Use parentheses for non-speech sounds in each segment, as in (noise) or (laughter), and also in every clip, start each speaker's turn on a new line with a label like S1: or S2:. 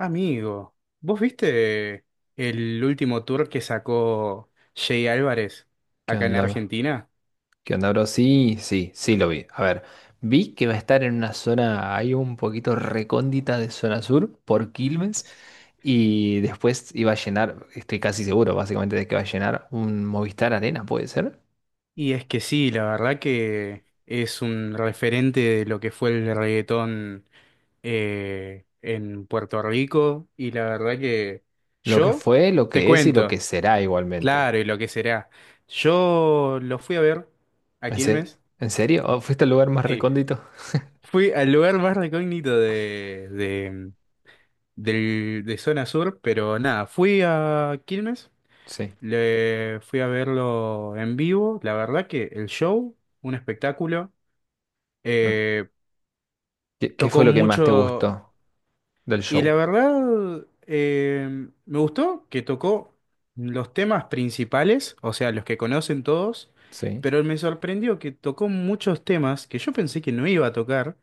S1: Amigo, ¿vos viste el último tour que sacó Jay Álvarez
S2: ¿Qué
S1: acá en
S2: onda?
S1: Argentina?
S2: ¿Qué onda, bro? Sí, sí, sí lo vi. A ver, vi que va a estar en una zona ahí un poquito recóndita de zona sur por Quilmes y después iba a llenar, estoy casi seguro básicamente de que va a llenar un Movistar Arena, ¿puede ser?
S1: Y es que sí, la verdad que es un referente de lo que fue el reggaetón en Puerto Rico y la verdad que
S2: Lo que
S1: yo
S2: fue, lo
S1: te
S2: que es y lo que
S1: cuento,
S2: será igualmente.
S1: claro, y lo que será. Yo lo fui a ver a
S2: ¿En se-
S1: Quilmes.
S2: en serio? ¿O ¿Fuiste al lugar más
S1: Sí.
S2: recóndito?
S1: Fui al lugar más recógnito de zona sur, pero nada, fui a Quilmes,
S2: Sí.
S1: le fui a verlo en vivo, la verdad que el show, un espectáculo,
S2: Mm.
S1: eh,
S2: ¿Qué fue
S1: tocó
S2: lo que más te
S1: mucho
S2: gustó del
S1: y la
S2: show?
S1: verdad me gustó que tocó los temas principales, o sea, los que conocen todos,
S2: Sí,
S1: pero me sorprendió que tocó muchos temas que yo pensé que no iba a tocar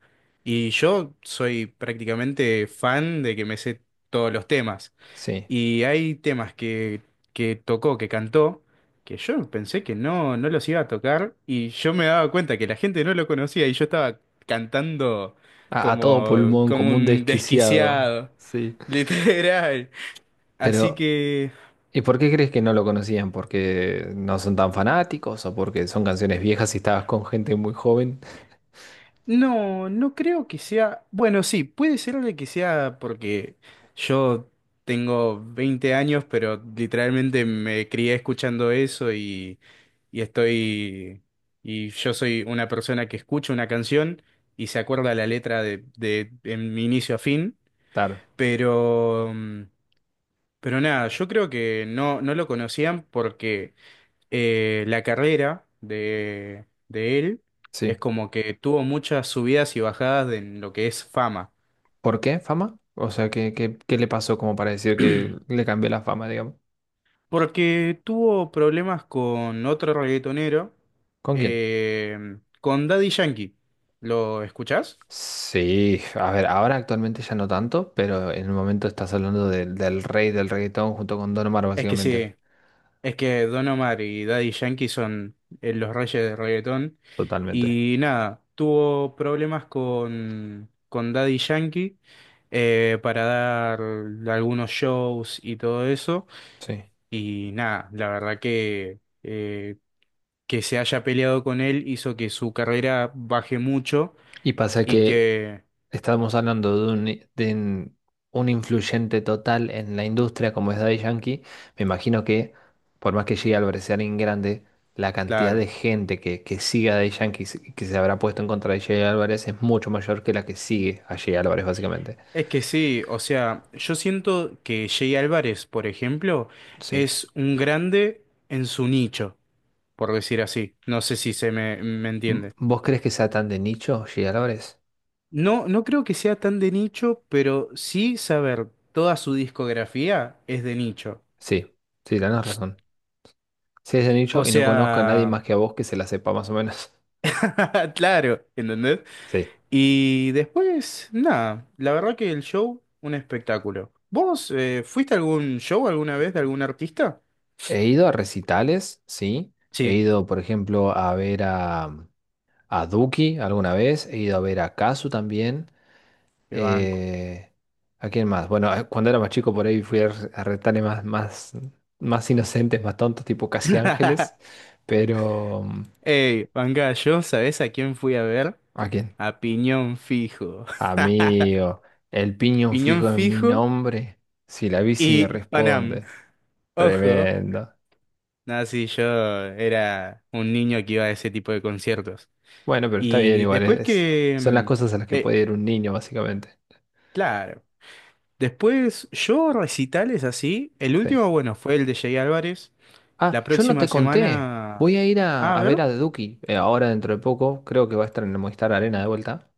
S1: y yo soy prácticamente fan de que me sé todos los temas.
S2: sí.
S1: Y hay temas que tocó, que cantó, que yo pensé que no los iba a tocar y yo me daba cuenta que la gente no lo conocía y yo estaba cantando
S2: A todo
S1: como,
S2: pulmón,
S1: como
S2: como un
S1: un
S2: desquiciado.
S1: desquiciado,
S2: Sí.
S1: (laughs) literal. Así
S2: Pero...
S1: que
S2: ¿Y por qué crees que no lo conocían? ¿Porque no son tan fanáticos o porque son canciones viejas y estabas con gente muy joven?
S1: no, no creo que sea. Bueno, sí, puede ser de que sea porque yo tengo 20 años, pero literalmente me crié escuchando eso y estoy. Y yo soy una persona que escucha una canción y se acuerda la letra de en mi inicio a fin.
S2: Claro,
S1: Pero. mm, Pero nada, yo creo que no lo conocían porque la carrera de él es
S2: sí.
S1: como que tuvo muchas subidas y bajadas en lo que es fama.
S2: ¿Por qué fama? O sea, ¿qué, qué, qué le pasó como para decir que le cambió la fama, digamos?
S1: Porque tuvo problemas con otro reggaetonero,
S2: ¿Con quién?
S1: con Daddy Yankee. ¿Lo escuchás?
S2: Sí, a ver, ahora actualmente ya no tanto, pero en el momento estás hablando del rey del reggaetón junto con Don Omar,
S1: Es que
S2: básicamente.
S1: sí. Es que Don Omar y Daddy Yankee son los reyes del reggaetón.
S2: Totalmente.
S1: Y nada, tuvo problemas con Daddy Yankee para dar algunos shows y todo eso.
S2: Sí.
S1: Y nada, la verdad que se haya peleado con él hizo que su carrera baje mucho
S2: Y pasa
S1: y
S2: que
S1: que,
S2: estábamos hablando de un influyente total en la industria como es Daddy Yankee. Me imagino que, por más que llegue al Brecearín grande, la cantidad
S1: claro.
S2: de gente que sigue a Daddy Yankee y que se habrá puesto en contra de Jay Álvarez es mucho mayor que la que sigue a Jay Álvarez, básicamente.
S1: Es que sí, o sea, yo siento que Jay Álvarez, por ejemplo,
S2: Sí.
S1: es un grande en su nicho, por decir así. No sé si se me
S2: M-
S1: entiende.
S2: ¿Vos crees que sea tan de nicho, Jay Álvarez?
S1: No, no creo que sea tan de nicho, pero sí saber toda su discografía es de nicho.
S2: Sí, sí, tenés razón. Sí, es de nicho
S1: O
S2: y no conozco a nadie
S1: sea,
S2: más que a vos que se la sepa más o menos. (laughs)
S1: (laughs) claro, ¿entendés?
S2: Sí.
S1: Y después, nada, la verdad que el show, un espectáculo. ¿Vos fuiste a algún show alguna vez de algún artista?
S2: He ido a recitales, sí. He
S1: Sí,
S2: ido, por ejemplo, a ver a, a Duki alguna vez. He ido a ver a Kazu también.
S1: qué banco.
S2: Eh, ¿A quién más? Bueno, cuando era más chico por ahí fui a, a recitales más, más, más inocentes, más tontos, tipo Casi Ángeles.
S1: (laughs)
S2: Pero,
S1: Ey, manga, yo, ¿sabés a quién fui a ver?
S2: ¿a quién?
S1: A Piñón Fijo. (laughs)
S2: Amigo, el piñón
S1: Piñón
S2: fijo en mi
S1: Fijo
S2: nombre. Si la bici me
S1: y Panam.
S2: responde.
S1: Ojo.
S2: Tremendo.
S1: Nada, sí, yo era un niño que iba a ese tipo de conciertos.
S2: Bueno, pero está bien,
S1: Y
S2: igual
S1: después
S2: es, son las cosas a las que
S1: eh,
S2: puede ir un niño, básicamente.
S1: claro. Después yo recitales así. El
S2: Sí.
S1: último, bueno, fue el de Jay Álvarez. La
S2: Ah, yo no te
S1: próxima
S2: conté.
S1: semana...
S2: Voy a ir
S1: Ah, a
S2: a ver
S1: ver.
S2: a The Duki ahora dentro de poco. Creo que va a estar en el Movistar Arena de vuelta.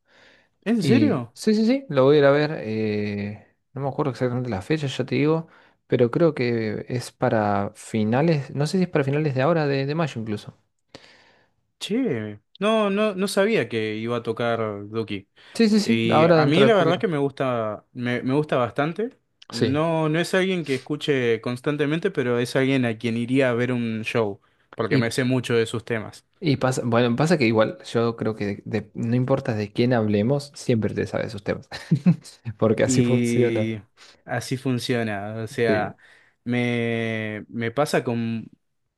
S1: ¿En
S2: Y
S1: serio?
S2: sí, sí, sí, lo voy a ir a ver. No me acuerdo exactamente la fecha, ya te digo. Pero creo que es para finales. No sé si es para finales de ahora, de mayo incluso.
S1: Che. No, no, no sabía que iba a tocar Duki.
S2: Sí, sí, sí,
S1: Y
S2: ahora
S1: a
S2: dentro
S1: mí
S2: de
S1: la verdad
S2: poquito.
S1: que me gusta, me gusta bastante.
S2: Sí.
S1: No, no es alguien que escuche constantemente, pero es alguien a quien iría a ver un show, porque me
S2: Y,
S1: sé mucho de sus temas.
S2: y pasa, bueno, pasa que igual yo creo que no importa de quién hablemos, siempre te sabes sus temas. (laughs) Porque así Mm. funciona.
S1: Y así funciona. O
S2: Sí,
S1: sea, me pasa con,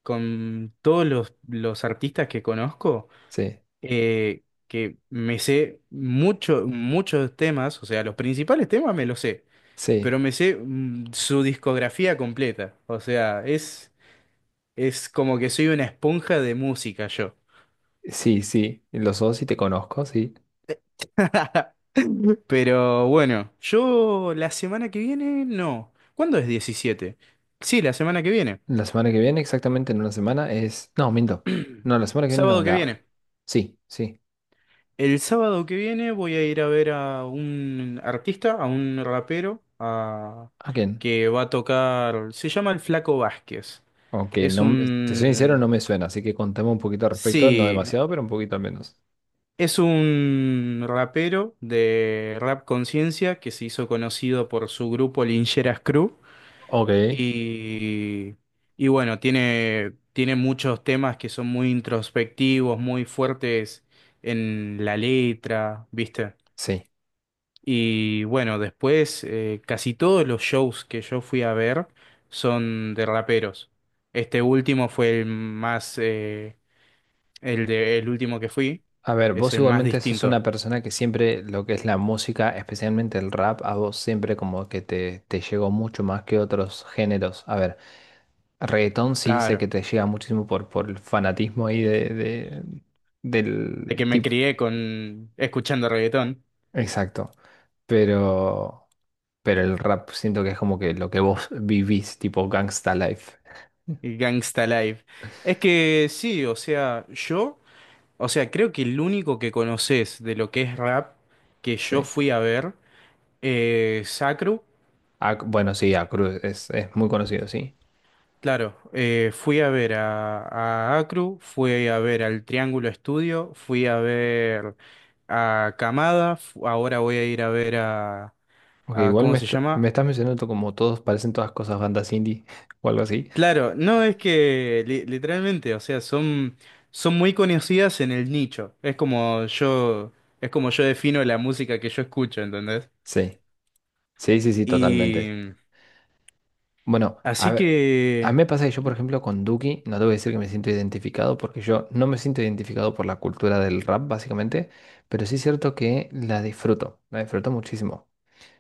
S1: con todos los artistas que conozco,
S2: sí,
S1: que me sé muchos temas, o sea, los principales temas me los sé.
S2: sí.
S1: Pero me sé su discografía completa. O sea, es como que soy una esponja de música yo.
S2: Sí, sí, los dos sí te conozco, sí.
S1: (laughs) Pero bueno, yo la semana que viene, no. ¿Cuándo es 17? Sí, la semana que viene.
S2: La semana que viene, exactamente en una semana, es... No, miento. No, la semana que viene no,
S1: Sábado que
S2: la...
S1: viene.
S2: Sí, sí.
S1: El sábado que viene voy a ir a ver a un artista, a un rapero,
S2: ¿A quién?
S1: que va a tocar. Se llama El Flaco Vázquez.
S2: Aunque
S1: Es
S2: no, te soy sincero,
S1: un...
S2: no me suena, así que contame un poquito al respecto, no
S1: Sí,
S2: demasiado, pero un poquito al menos.
S1: es un rapero de Rap Conciencia que se hizo conocido por su grupo Lincheras Crew.
S2: Ok,
S1: Y, y bueno, tiene muchos temas que son muy introspectivos, muy fuertes en la letra, ¿viste?
S2: sí.
S1: Y bueno, después casi todos los shows que yo fui a ver son de raperos. Este último fue el último que fui,
S2: A ver,
S1: es
S2: vos
S1: el más
S2: igualmente sos
S1: distinto,
S2: una persona que siempre lo que es la música, especialmente el rap, a vos siempre como que te llegó mucho más que otros géneros. A ver. Reggaetón sí sé
S1: claro.
S2: que te llega muchísimo por el fanatismo ahí de,
S1: De
S2: del
S1: que me
S2: tipo.
S1: crié con escuchando reggaetón
S2: Exacto. Pero, pero el rap siento que es como que lo que vos vivís, tipo Gangsta Life.
S1: y Gangsta Live. Es que sí, o sea, creo que el único que conoces de lo que es rap que yo
S2: Sí.
S1: fui a ver Sacru,
S2: Ah, bueno, sí, a Cruz es muy conocido, sí.
S1: claro, fui a ver a Acru, fui a ver al Triángulo Estudio, fui a ver a Camada, ahora voy a ir a ver a,
S2: Ok, igual
S1: ¿cómo
S2: me,
S1: se
S2: me
S1: llama?
S2: estás mencionando como todos, parecen todas cosas bandas indie (laughs) o algo así.
S1: Claro, no es que literalmente, o sea, son muy conocidas en el nicho. Es como yo defino la música que yo escucho, ¿entendés?
S2: Sí. Sí, sí, sí, totalmente.
S1: Y
S2: Bueno, a
S1: así
S2: ver, a mí
S1: que,
S2: me pasa que yo, por ejemplo, con Duki, no te voy a decir que me siento identificado, porque yo no me siento identificado por la cultura del rap, básicamente, pero sí es cierto que la disfruto muchísimo.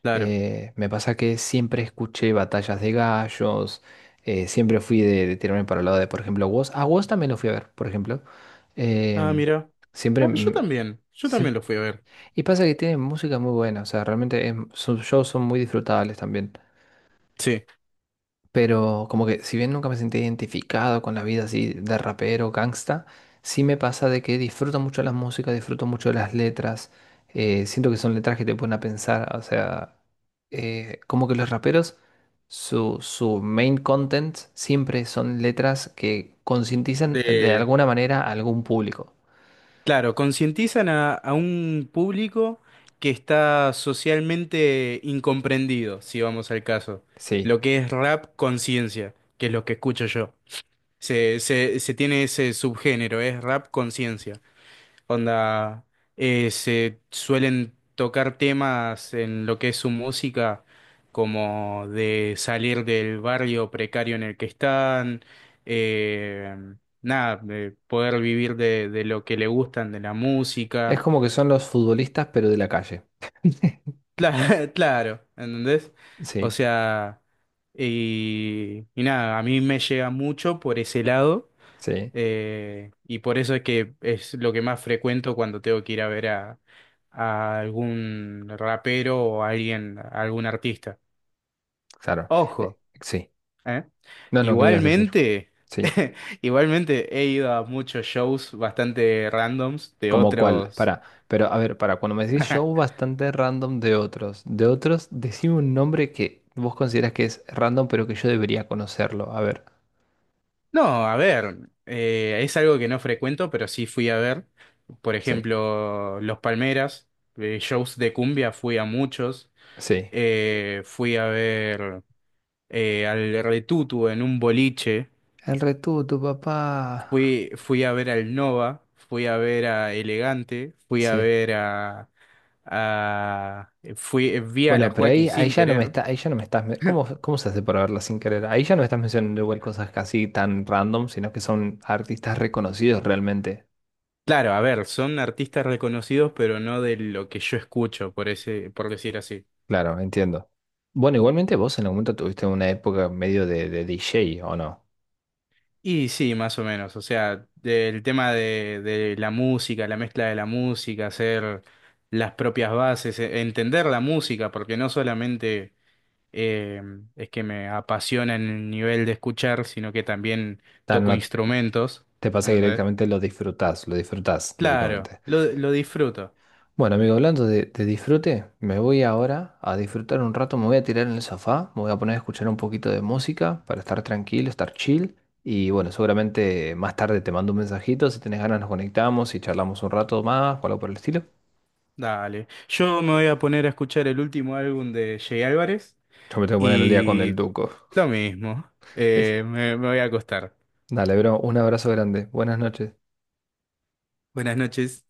S1: claro.
S2: Me pasa que siempre escuché batallas de gallos, siempre fui de tirarme para el lado de, por ejemplo, Woz. A Woz también lo fui a ver, por ejemplo.
S1: Ah,
S2: Em,
S1: mira.
S2: Siempre...
S1: Ah, yo también, yo también
S2: siem-
S1: lo fui a ver.
S2: Y pasa que tiene música muy buena, o sea, realmente sus shows son muy disfrutables también.
S1: Sí.
S2: Pero como que si bien nunca me sentí identificado con la vida así de rapero, gangsta, sí me pasa de que disfruto mucho las músicas, disfruto mucho las letras, siento que son letras que te ponen a pensar, o sea, como que los raperos, su main content siempre son letras que concientizan de
S1: De,
S2: alguna manera a algún público.
S1: claro, concientizan a un público que está socialmente incomprendido, si vamos al caso.
S2: Sí,
S1: Lo que es rap conciencia, que es lo que escucho yo. Se tiene ese subgénero, es rap conciencia. Onda, se suelen tocar temas en lo que es su música, como de salir del barrio precario en el que están, eh, nada, de poder vivir de lo que le gustan, de la
S2: es
S1: música.
S2: como que son los futbolistas, pero de la calle. (laughs)
S1: Claro, (laughs) claro, ¿entendés? O
S2: Sí,
S1: sea, y nada, a mí me llega mucho por ese lado.
S2: sí,
S1: Y por eso es que es lo que más frecuento cuando tengo que ir a ver a algún rapero o a alguien, a algún artista.
S2: claro.
S1: Ojo,
S2: Sí.
S1: ¿eh?
S2: No, no, ¿qué me ibas a decir?
S1: Igualmente,
S2: Sí.
S1: (laughs) igualmente he ido a muchos shows bastante randoms de
S2: ¿Como cuál?
S1: otros.
S2: Para, pero a ver, para, cuando me decís show
S1: (laughs)
S2: bastante random de otros, decime un nombre que vos consideras que es random, pero que yo debería conocerlo. A ver,
S1: No, a ver, es algo que no frecuento, pero sí fui a ver. Por
S2: sí,
S1: ejemplo, Los Palmeras, shows de cumbia, fui a muchos.
S2: sí.
S1: Fui a ver al Retutu en un boliche,
S2: El Retú, tu papá.
S1: fui a ver al Nova, fui a ver a Elegante, fui a
S2: Sí.
S1: ver a fui, vi a la
S2: Bueno, pero
S1: Joaquín
S2: ahí, ahí
S1: sin
S2: ya no me
S1: querer.
S2: está, ahí ya no me estás, ¿cómo, cómo se hace para verla sin querer? Ahí ya no me estás mencionando igual cosas casi tan random, sino que son artistas reconocidos realmente.
S1: Claro, a ver, son artistas reconocidos, pero no de lo que yo escucho, por decir así.
S2: Claro, entiendo. Bueno, igualmente vos en algún momento tuviste una época medio de DJ, ¿o no?
S1: Y sí, más o menos. O sea, del tema de la música, la mezcla de la música, hacer las propias bases, entender la música, porque no solamente eh, es que me apasiona en el nivel de escuchar, sino que también
S2: Tan-
S1: toco
S2: no
S1: instrumentos,
S2: Te pasa que
S1: ¿entendés?
S2: directamente lo disfrutás
S1: Claro,
S2: directamente.
S1: lo disfruto.
S2: Bueno, amigo, hablando de disfrute, me voy ahora a disfrutar un rato, me voy a tirar en el sofá, me voy a poner a escuchar un poquito de música para estar tranquilo, estar chill. Y bueno, seguramente más tarde te mando un mensajito, si tenés ganas nos conectamos y charlamos un rato más o algo por el estilo.
S1: Dale. Yo me voy a poner a escuchar el último álbum de Jay Álvarez
S2: Yo me tengo que poner el día con el
S1: y
S2: Duco.
S1: lo mismo. Eh,
S2: (laughs)
S1: me, me voy a acostar.
S2: Dale, bro, un abrazo grande, buenas noches.
S1: Buenas noches.